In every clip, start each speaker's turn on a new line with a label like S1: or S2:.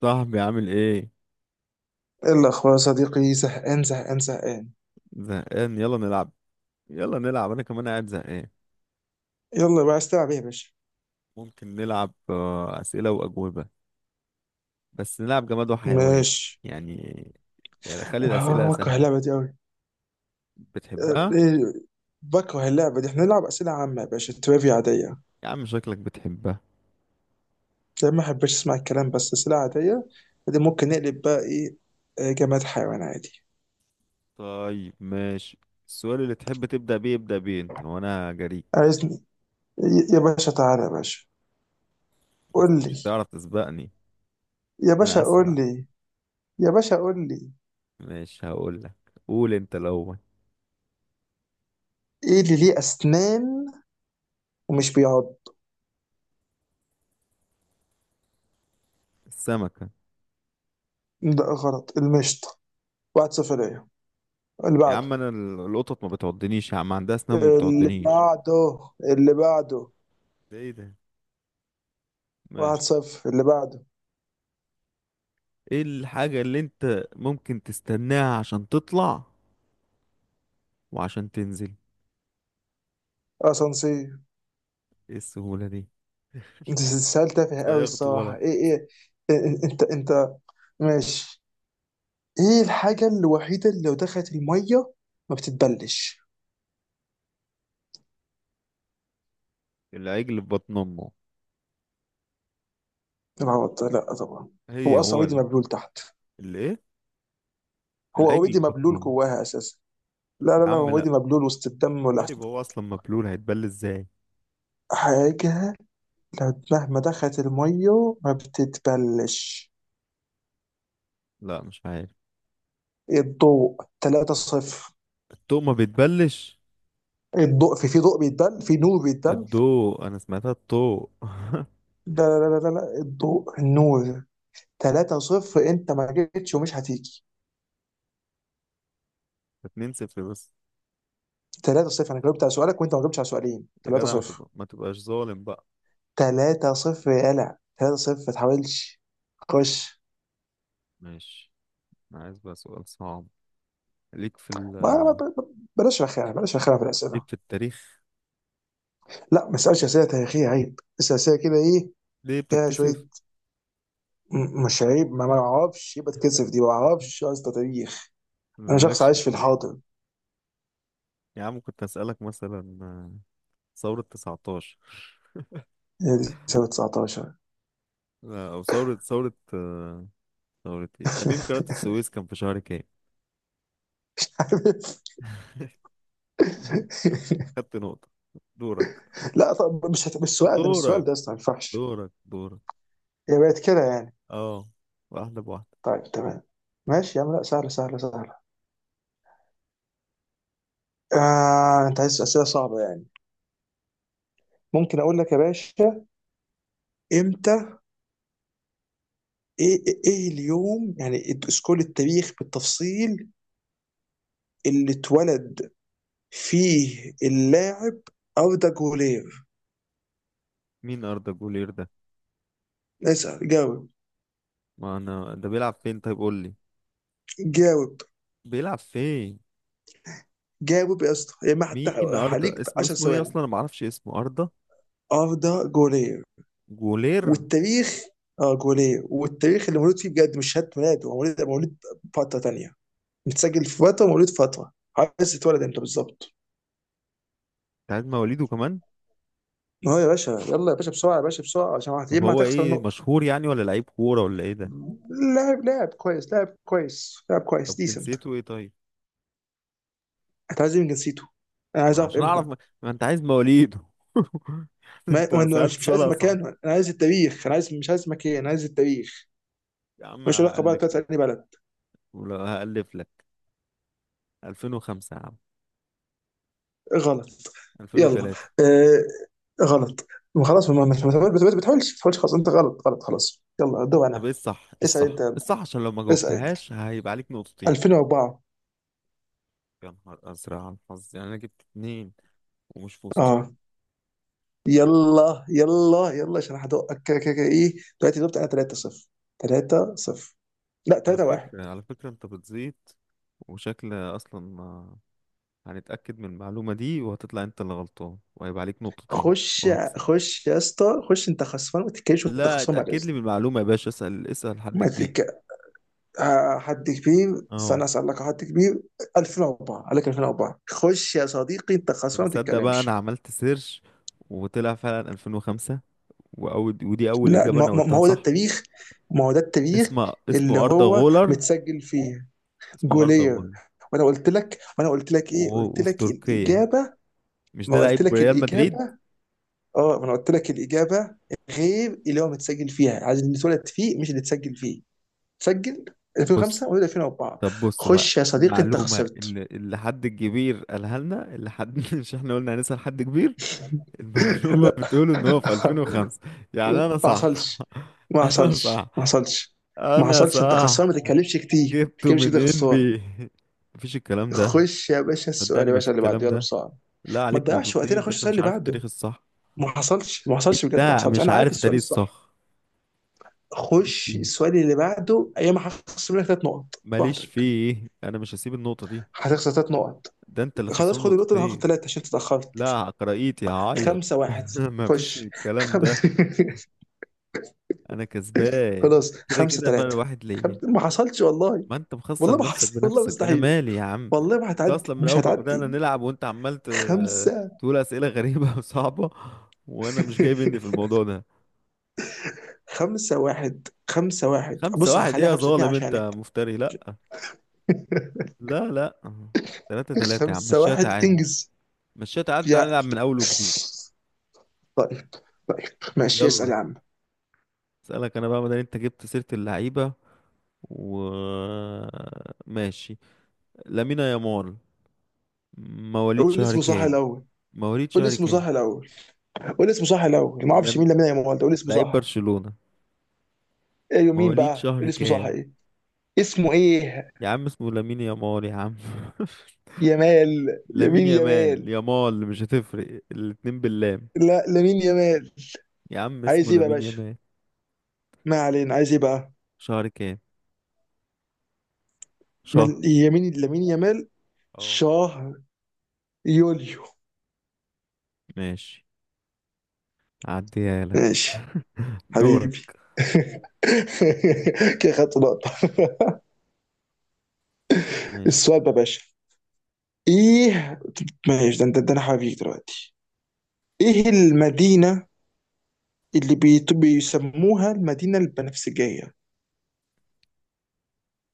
S1: صاحبي، عامل ايه؟
S2: ايه الاخبار يا صديقي؟ زهقان زهقان زهقان.
S1: زهقان، يلا نلعب. يلا نلعب، انا كمان قاعد زهقان.
S2: يلا بقى، عايز تلعب ايه يا باشا؟
S1: ممكن نلعب، اسئله واجوبه، بس نلعب جماد وحيوان.
S2: ماشي.
S1: يعني يعني خلي الاسئله
S2: آه، بكره
S1: سهله.
S2: اللعبه دي قوي.
S1: بتحبها؟
S2: بكره اللعبه دي احنا نلعب اسئله عامه يا باشا، تريفيا عاديه.
S1: يا عم شكلك بتحبها.
S2: ده ما احبش، اسمع الكلام بس اسئله عاديه. دي ممكن نقلب بقى ايه؟ آه، جماد حيوان عادي.
S1: طيب ماشي، السؤال اللي تحب تبدا بيه ابدا بيه، انت وانا جريك
S2: عايزني؟ يا باشا تعالى يا باشا،
S1: بس
S2: قول
S1: مش
S2: لي.
S1: هتعرف تسبقني.
S2: يا
S1: انا
S2: باشا قول
S1: اسرع.
S2: لي. يا باشا قول لي.
S1: ماشي هقول لك، قول انت الاول.
S2: ايه اللي ليه اسنان ومش بيعض؟
S1: السمكه.
S2: لا غلط، المشط. واحد صفر ليا. اللي
S1: يا عم
S2: بعده،
S1: القطط ما بتعضنيش يا عم، عندها اسنان ما
S2: اللي
S1: بتعضنيش.
S2: بعده. اللي بعده.
S1: ده ايه ده؟ ماشي.
S2: 1-0، اللي بعده.
S1: ايه الحاجة اللي انت ممكن تستناها عشان تطلع وعشان تنزل؟
S2: اسانسير.
S1: ايه السهولة دي؟
S2: انت سؤال تافه قوي
S1: صيغته
S2: الصراحه،
S1: غلط.
S2: إيه، انت. ماشي. ايه الحاجه الوحيده اللي لو دخلت الميه ما بتتبلش؟
S1: العجل في بطن امه.
S2: العوض لا طبعا.
S1: هي
S2: هو اصلا
S1: هو
S2: اوريدي
S1: ال-
S2: مبلول تحت.
S1: اللي ايه؟
S2: هو
S1: العجل في
S2: اوريدي
S1: بطن
S2: مبلول
S1: امه.
S2: جواها اساسا. لا لا
S1: يا
S2: لا، هو
S1: عم لا.
S2: اوريدي مبلول وسط الدم ولا؟
S1: طيب هو اصلا مبلول، هيتبل ازاي؟
S2: حاجه لو مهما دخلت الميه ما بتتبلش.
S1: لا مش عارف.
S2: الضوء. 3-0.
S1: الضوء ما بيتبلش.
S2: الضوء، في في ضوء بيتبل، في نور بيتبل.
S1: الضوء انا سمعتها، الضوء.
S2: لا لا لا لا لا، الضوء، النور. 3-0، انت ما جيتش ومش هتيجي.
S1: اتنين صفر بس.
S2: 3-0، انا جاوبت على سؤالك وانت ما جاوبتش على سؤالين.
S1: يا جدع
S2: 3-0.
S1: ما تبقاش ظالم بقى.
S2: 3-0 يا قلع، 3-0 ما تحاولش. خش.
S1: ماشي، انا عايز بقى سؤال صعب. ليك في ال...
S2: ما ما- ما- بلاش رخامه، بلاش رخامه في
S1: ليك
S2: الاسئله.
S1: في التاريخ.
S2: لا ما اسالش اسئله تاريخيه، عيب. اسال اسئله كده ايه؟
S1: ليه
S2: فيها شويه.
S1: بتتكسف؟
S2: مش عيب ما اعرفش، يبقى اتكسف دي. ما اعرفش اصلا تاريخ. انا شخص
S1: مالكش في
S2: عايش في
S1: التاريخ؟
S2: الحاضر.
S1: يا عم كنت أسألك مثلا، ثورة 19،
S2: هي دي سنه 19.
S1: أو ثورة ثورة إيه؟ تأميم قناة السويس كان في شهر كام؟
S2: عارف.
S1: خدت نقطة. دورك.
S2: لا طب، مش السؤال
S1: دورك
S2: ده اصلا ما ينفعش.
S1: دورك
S2: هي بقت كده يعني.
S1: اه، واحدة بواحدة.
S2: طيب، تمام. ماشي يا عم، لا سهله سهله سهله. آه، انت عايز اسئله صعبه يعني. ممكن اقول لك يا باشا امتى. ايه ايه إيه اليوم يعني؟ اسكول التاريخ بالتفصيل. اللي اتولد فيه اللاعب اردا جولير.
S1: مين أردا جولير ده؟
S2: اسال، جاوب.
S1: ما أنا ده بيلعب فين؟ طيب قول لي،
S2: جاوب.
S1: بيلعب فين؟
S2: جاوب يا اسطى، يا ما
S1: مين أردا؟
S2: عليك
S1: اسمه
S2: 10
S1: اسمه إيه
S2: ثواني.
S1: أصلا؟ أنا معرفش اسمه أردا.
S2: اردا جولير،
S1: جولير.
S2: والتاريخ. اه، جوليه، والتاريخ اللي مولود فيه بجد، مش شهاده ميلاد. هو مولود مولود، فتره تانيه. متسجل في فتره، مولود فتره. عايز تتولد امتى بالظبط؟
S1: بتاع مواليده كمان.
S2: اه يا باشا، يلا يا باشا بسرعه، يا باشا بسرعه عشان يا
S1: طب
S2: اما
S1: هو
S2: هتخسر
S1: إيه،
S2: نقطه.
S1: مشهور يعني ولا لعيب كورة، ولا إيه ده؟
S2: لاعب، لاعب كويس لاعب كويس لاعب كويس،
S1: طب
S2: ديسنت.
S1: جنسيته إيه طيب؟
S2: انت عايز إيه من جنسيته؟ انا
S1: ما
S2: عايز اعرف
S1: عشان اعرف،
S2: امتى.
S1: ما انت عايز مواليد.
S2: ما
S1: انت
S2: وأنا، مش
S1: سألت
S2: مش
S1: سؤال
S2: عايز
S1: اصعب.
S2: مكان، انا عايز التاريخ. انا عايز مش عايز مكان، انا عايز التاريخ.
S1: يا عم
S2: مش علاقه بقى
S1: هألف
S2: بتاعت
S1: لك،
S2: اي بلد.
S1: ولو هألف لك، 2005 يا عم،
S2: غلط. يلا.
S1: 2003.
S2: آه. غلط. خلاص، ما تحاولش. خلاص انت غلط، غلط. خلاص يلا، دور
S1: طب
S2: انا.
S1: ايه الصح، ايه
S2: اسال
S1: الصح،
S2: انت،
S1: إيه
S2: يلا.
S1: الصح، عشان لو ما
S2: اسال انت.
S1: جاوبتهاش هيبقى عليك نقطتين.
S2: 2004.
S1: يا نهار ازرق على الحظ يعني، انا جبت اتنين ومش في وسطيهم.
S2: اه، يلا يلا يلا عشان هدقك كده كده كده، ايه. دلوقتي جبت انا 3-0. 3-0. لا،
S1: على
S2: 3-1.
S1: فكرة، على فكرة انت بتزيد وشكل اصلا، هنتأكد من المعلومة دي وهتطلع انت اللي غلطان، وهيبقى عليك نقطتين
S2: خش.
S1: وهكسب.
S2: خش يا اسطى خش، انت خسران، ما تتكلمش وانت
S1: لا،
S2: خسران بعد
S1: اتأكد لي
S2: اذنك.
S1: من المعلومة يا باشا، اسأل اسأل حد
S2: ما
S1: كبير.
S2: تتك... حد كبير، استنى
S1: اه.
S2: اسالك حد كبير. 2004. عليك 2004. خش يا صديقي، انت
S1: طب
S2: خسران، ما
S1: تصدق بقى، انا
S2: تتكلمش.
S1: عملت سيرش وطلع فعلا 2005، واول، ودي اول
S2: لا،
S1: اجابه انا
S2: ما
S1: قلتها
S2: هو ده
S1: صح.
S2: التاريخ. ما هو ده التاريخ
S1: اسمه
S2: اللي
S1: اردا
S2: هو
S1: غولر.
S2: متسجل فيه.
S1: اسمه اردا
S2: جولير.
S1: غولر.
S2: وانا قلت لك ايه؟
S1: و-
S2: قلت
S1: وفي
S2: لك
S1: تركيا،
S2: الاجابه.
S1: مش
S2: ما
S1: ده
S2: قلت
S1: لعيب
S2: لك
S1: ريال مدريد؟
S2: الاجابه. اه، ما انا قلت لك الاجابه، غير اللي هو متسجل فيها. عايز اللي اتولد فيه، مش اللي اتسجل فيه. اتسجل
S1: بص،
S2: 2005، ولد 2004.
S1: طب بص بقى،
S2: خش يا صديقي انت
S1: المعلومه
S2: خسرت.
S1: اللي حد كبير قالها لنا، اللي حد مش احنا قلنا هنسأل حد كبير؟ المعلومه
S2: لا.
S1: بتقول ان هو في 2005، يعني
S2: ما
S1: انا صح.
S2: حصلش. ما
S1: انا صح،
S2: حصلش، ما حصلش. ما
S1: انا
S2: حصلش، انت خسران ما
S1: صح.
S2: تتكلمش كتير، ما
S1: جبته
S2: تتكلمش
S1: من
S2: كده،
S1: ان
S2: خسران.
S1: بي، مفيش الكلام ده.
S2: خش يا باشا، السؤال
S1: صدقني
S2: يا
S1: ما في
S2: باشا اللي بعده،
S1: الكلام
S2: يلا
S1: ده.
S2: بسرعه.
S1: لا،
S2: ما
S1: عليك
S2: تضيعش وقتنا،
S1: نقطتين، ده
S2: خش
S1: انت
S2: السؤال
S1: مش
S2: اللي
S1: عارف التاريخ
S2: بعده.
S1: الصح.
S2: ما حصلش، ما حصلش بجد، ما
S1: انت
S2: حصلش.
S1: مش
S2: انا عارف
S1: عارف
S2: السؤال
S1: التاريخ
S2: الصح.
S1: الصح. ماليش
S2: خش
S1: فيه،
S2: السؤال اللي بعده. ايام هخسر منك ثلاث نقط
S1: ماليش
S2: براحتك.
S1: فيه، انا مش هسيب النقطة دي.
S2: هتخسر ثلاث نقط.
S1: ده انت اللي
S2: خلاص
S1: خسران
S2: خد النقطه، انا هاخد
S1: نقطتين.
S2: ثلاثه عشان تتاخرت.
S1: لا، قرايتي هعيط.
S2: خمسه واحد.
S1: ما فيش
S2: خش.
S1: الكلام
S2: خم...
S1: ده. انا كسبان
S2: خلاص،
S1: كده
S2: خمسه
S1: كده، فرق
S2: ثلاثه.
S1: واحد ليا.
S2: ما حصلش والله.
S1: ما انت
S2: والله
S1: مخسر
S2: ما
S1: نفسك
S2: حصل. والله
S1: بنفسك، انا
S2: مستحيل.
S1: مالي يا عم.
S2: والله ما
S1: انت
S2: هتعدي
S1: اصلا من
S2: مش
S1: اول ما بدأنا
S2: هتعدي.
S1: نلعب وانت عمال
S2: خمسة.
S1: تقول اسئلة غريبة وصعبة، وانا مش جاي مني في الموضوع ده.
S2: خمسة واحد،
S1: خمسة
S2: بص
S1: واحد ايه
S2: هخليها
S1: يا
S2: خمسة اتنين
S1: ظالم، انت
S2: عشانك.
S1: مفتري. لا، لا، لا، تلاتة تلاتة يا عم،
S2: خمسة
S1: مشيها
S2: واحد،
S1: تعادل.
S2: انجز.
S1: مشيها تعادل،
S2: يا.
S1: تعالى نلعب من أول وجديد.
S2: طيب. طيب ماشي، اسأل
S1: يلا.
S2: يا عم.
S1: اسألك أنا بقى، مادام أنت جبت سيرة اللعيبة و... ماشي. لامين يامال مواليد
S2: قول
S1: شهر
S2: اسمه صح
S1: كام؟
S2: الأول.
S1: مواليد
S2: قول
S1: شهر
S2: اسمه صح
S1: كام؟
S2: الأول. قول اسمه صح الأول. ما اعرفش
S1: لم...
S2: مين لامين يامال ده، قول اسمه
S1: لعيب
S2: صح.
S1: برشلونة.
S2: ايوه، مين
S1: مواليد
S2: بقى؟
S1: شهر
S2: قول اسمه صح،
S1: كام؟
S2: ايه؟ اسمه ايه؟
S1: يا عم اسمه لامين يامال يا عم.
S2: يمال
S1: لامين
S2: يمين
S1: يامال
S2: يمال.
S1: يامال مش هتفرق، الاتنين باللام.
S2: لا، لامين يمال.
S1: يا عم
S2: عايز
S1: اسمه
S2: ايه بقى يا
S1: لامين
S2: باشا؟
S1: يامال.
S2: ما علينا، عايز ايه بقى؟
S1: شهر كام؟ شهر.
S2: يمين لامين يمال.
S1: اه.
S2: شهر. يوليو.
S1: ماشي، هعديها لك.
S2: ماشي. حبيبي.
S1: دورك.
S2: كده خدت نقطة.
S1: ماشي،
S2: السؤال بقى يا باشا. ايه. ماشي، ده انت، ده انا حبيبي دلوقتي. ايه المدينة اللي بيسموها المدينة البنفسجية؟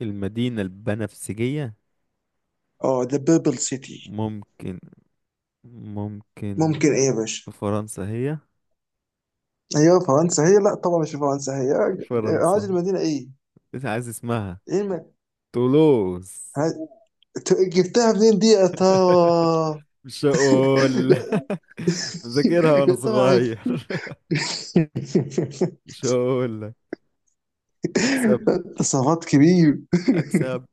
S1: المدينة البنفسجية.
S2: اه، ذا بيربل سيتي.
S1: ممكن ممكن
S2: ممكن ايه يا باشا؟
S1: في فرنسا هي؟
S2: هي فرنسا هي؟ لا طبعا، مش فرنسا هي. أنا عايز
S1: فرنسا.
S2: المدينة، ايه؟
S1: انت عايز اسمها؟
S2: ايه الم...
S1: تولوز.
S2: ها- جبتها منين دي يا ترى؟
S1: مش هقول لك. مذاكرها وانا
S2: يا ترى عرفت.
S1: صغير. مش هقول لك. اكسب.
S2: تصرفات كبير.
S1: اكسب.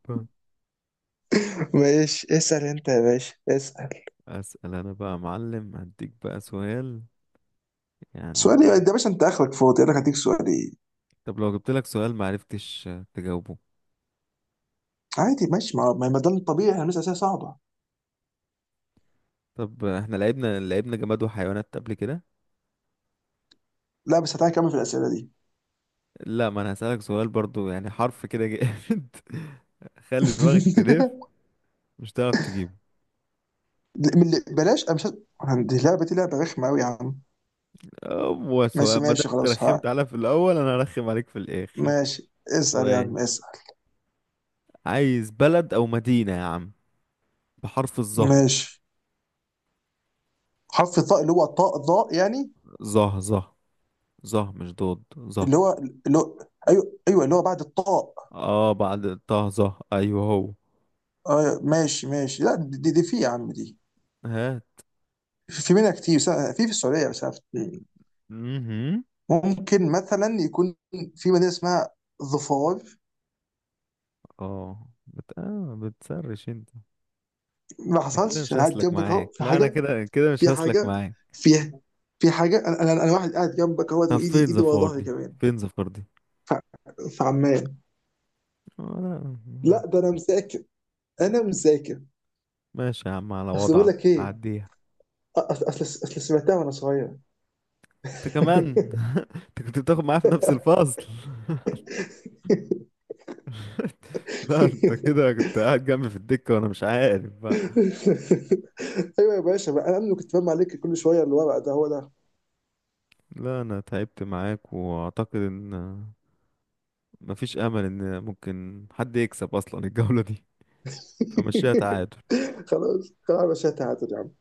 S2: ماشي، اسأل انت يا باشا، اسأل.
S1: اسال انا بقى يا معلم، هديك بقى سؤال يعني.
S2: سؤالي ده يا باشا، انت اخرك فاضي، انا هديك سؤالي.
S1: طب لو جبت لك سؤال ما عرفتش تجاوبه؟
S2: عادي ماشي، ما ده الطبيعي، احنا بنسال اسئله صعبه.
S1: طب احنا لعبنا جماد وحيوانات قبل كده.
S2: لا بس تعالى نكمل في الاسئله دي.
S1: لا، ما انا هسألك سؤال برضو، يعني حرف كده جامد. خلي دماغك تلف، مش هتعرف تجيبه.
S2: بلاش، انا مش ه- عندي لعبه، دي لعبه رخمه قوي يا عم.
S1: هو
S2: ماشي
S1: سؤال، ما دام
S2: ماشي
S1: انت
S2: خلاص،
S1: رخمت
S2: ها.
S1: عليا في الاول، انا هرخم عليك في الاخر.
S2: ماشي، اسال يا
S1: سؤال،
S2: عم اسال.
S1: عايز بلد او مدينة يا عم بحرف الظه.
S2: ماشي. حرف الطاء، اللي هو طاء، ضاء يعني.
S1: ظه ظه، ظه مش ضاد، ظه.
S2: اللي هو. اللي هو. ايوه ايوه، اللي هو بعد الطاء.
S1: اه بعد طه ظه، ايوه هو.
S2: آه ماشي ماشي، لا دي في يا عم دي.
S1: ها.
S2: في منها كتير، في السعوديه بس عرفت اتنين.
S1: امم.
S2: ممكن مثلا يكون في مدينه اسمها ظفار.
S1: اه بتسرش انت؟
S2: ما
S1: انا كده
S2: حصلش،
S1: مش
S2: انا قاعد
S1: هسلك
S2: جنبك
S1: معاك،
S2: اهو، في
S1: لا انا
S2: حاجه.
S1: كده كده مش
S2: في
S1: هسلك
S2: حاجه.
S1: معاك.
S2: في. في حاجه، انا انا أنا واحد قاعد جنبك اهوت،
S1: طب
S2: وايدي
S1: فين
S2: ورا
S1: زفار
S2: ظهري
S1: دي؟
S2: كمان.
S1: فين زفار دي؟
S2: ف- فعمال.
S1: آه، لا.
S2: لا، ده انا مذاكر. انا مذاكر.
S1: ماشي يا عم على
S2: اصل بقول
S1: وضعك،
S2: لك ايه.
S1: عديها.
S2: أ- اصل اصل أصل سمعتها وانا صغير.
S1: انت كمان. انت كنت بتاخد معايا في نفس الفصل. لا انت كده كنت قاعد جنبي في الدكة، وانا مش عارف بقى.
S2: ايوه يا باشا بقى، انا اللي كنت فاهم عليك، كل شويه الورق ده هو ده.
S1: لا انا تعبت معاك، واعتقد ان مفيش امل ان ممكن حد يكسب اصلا الجولة دي، فمشيها تعادل.
S2: خلاص خلاص يا باشا، تعادل يا عم.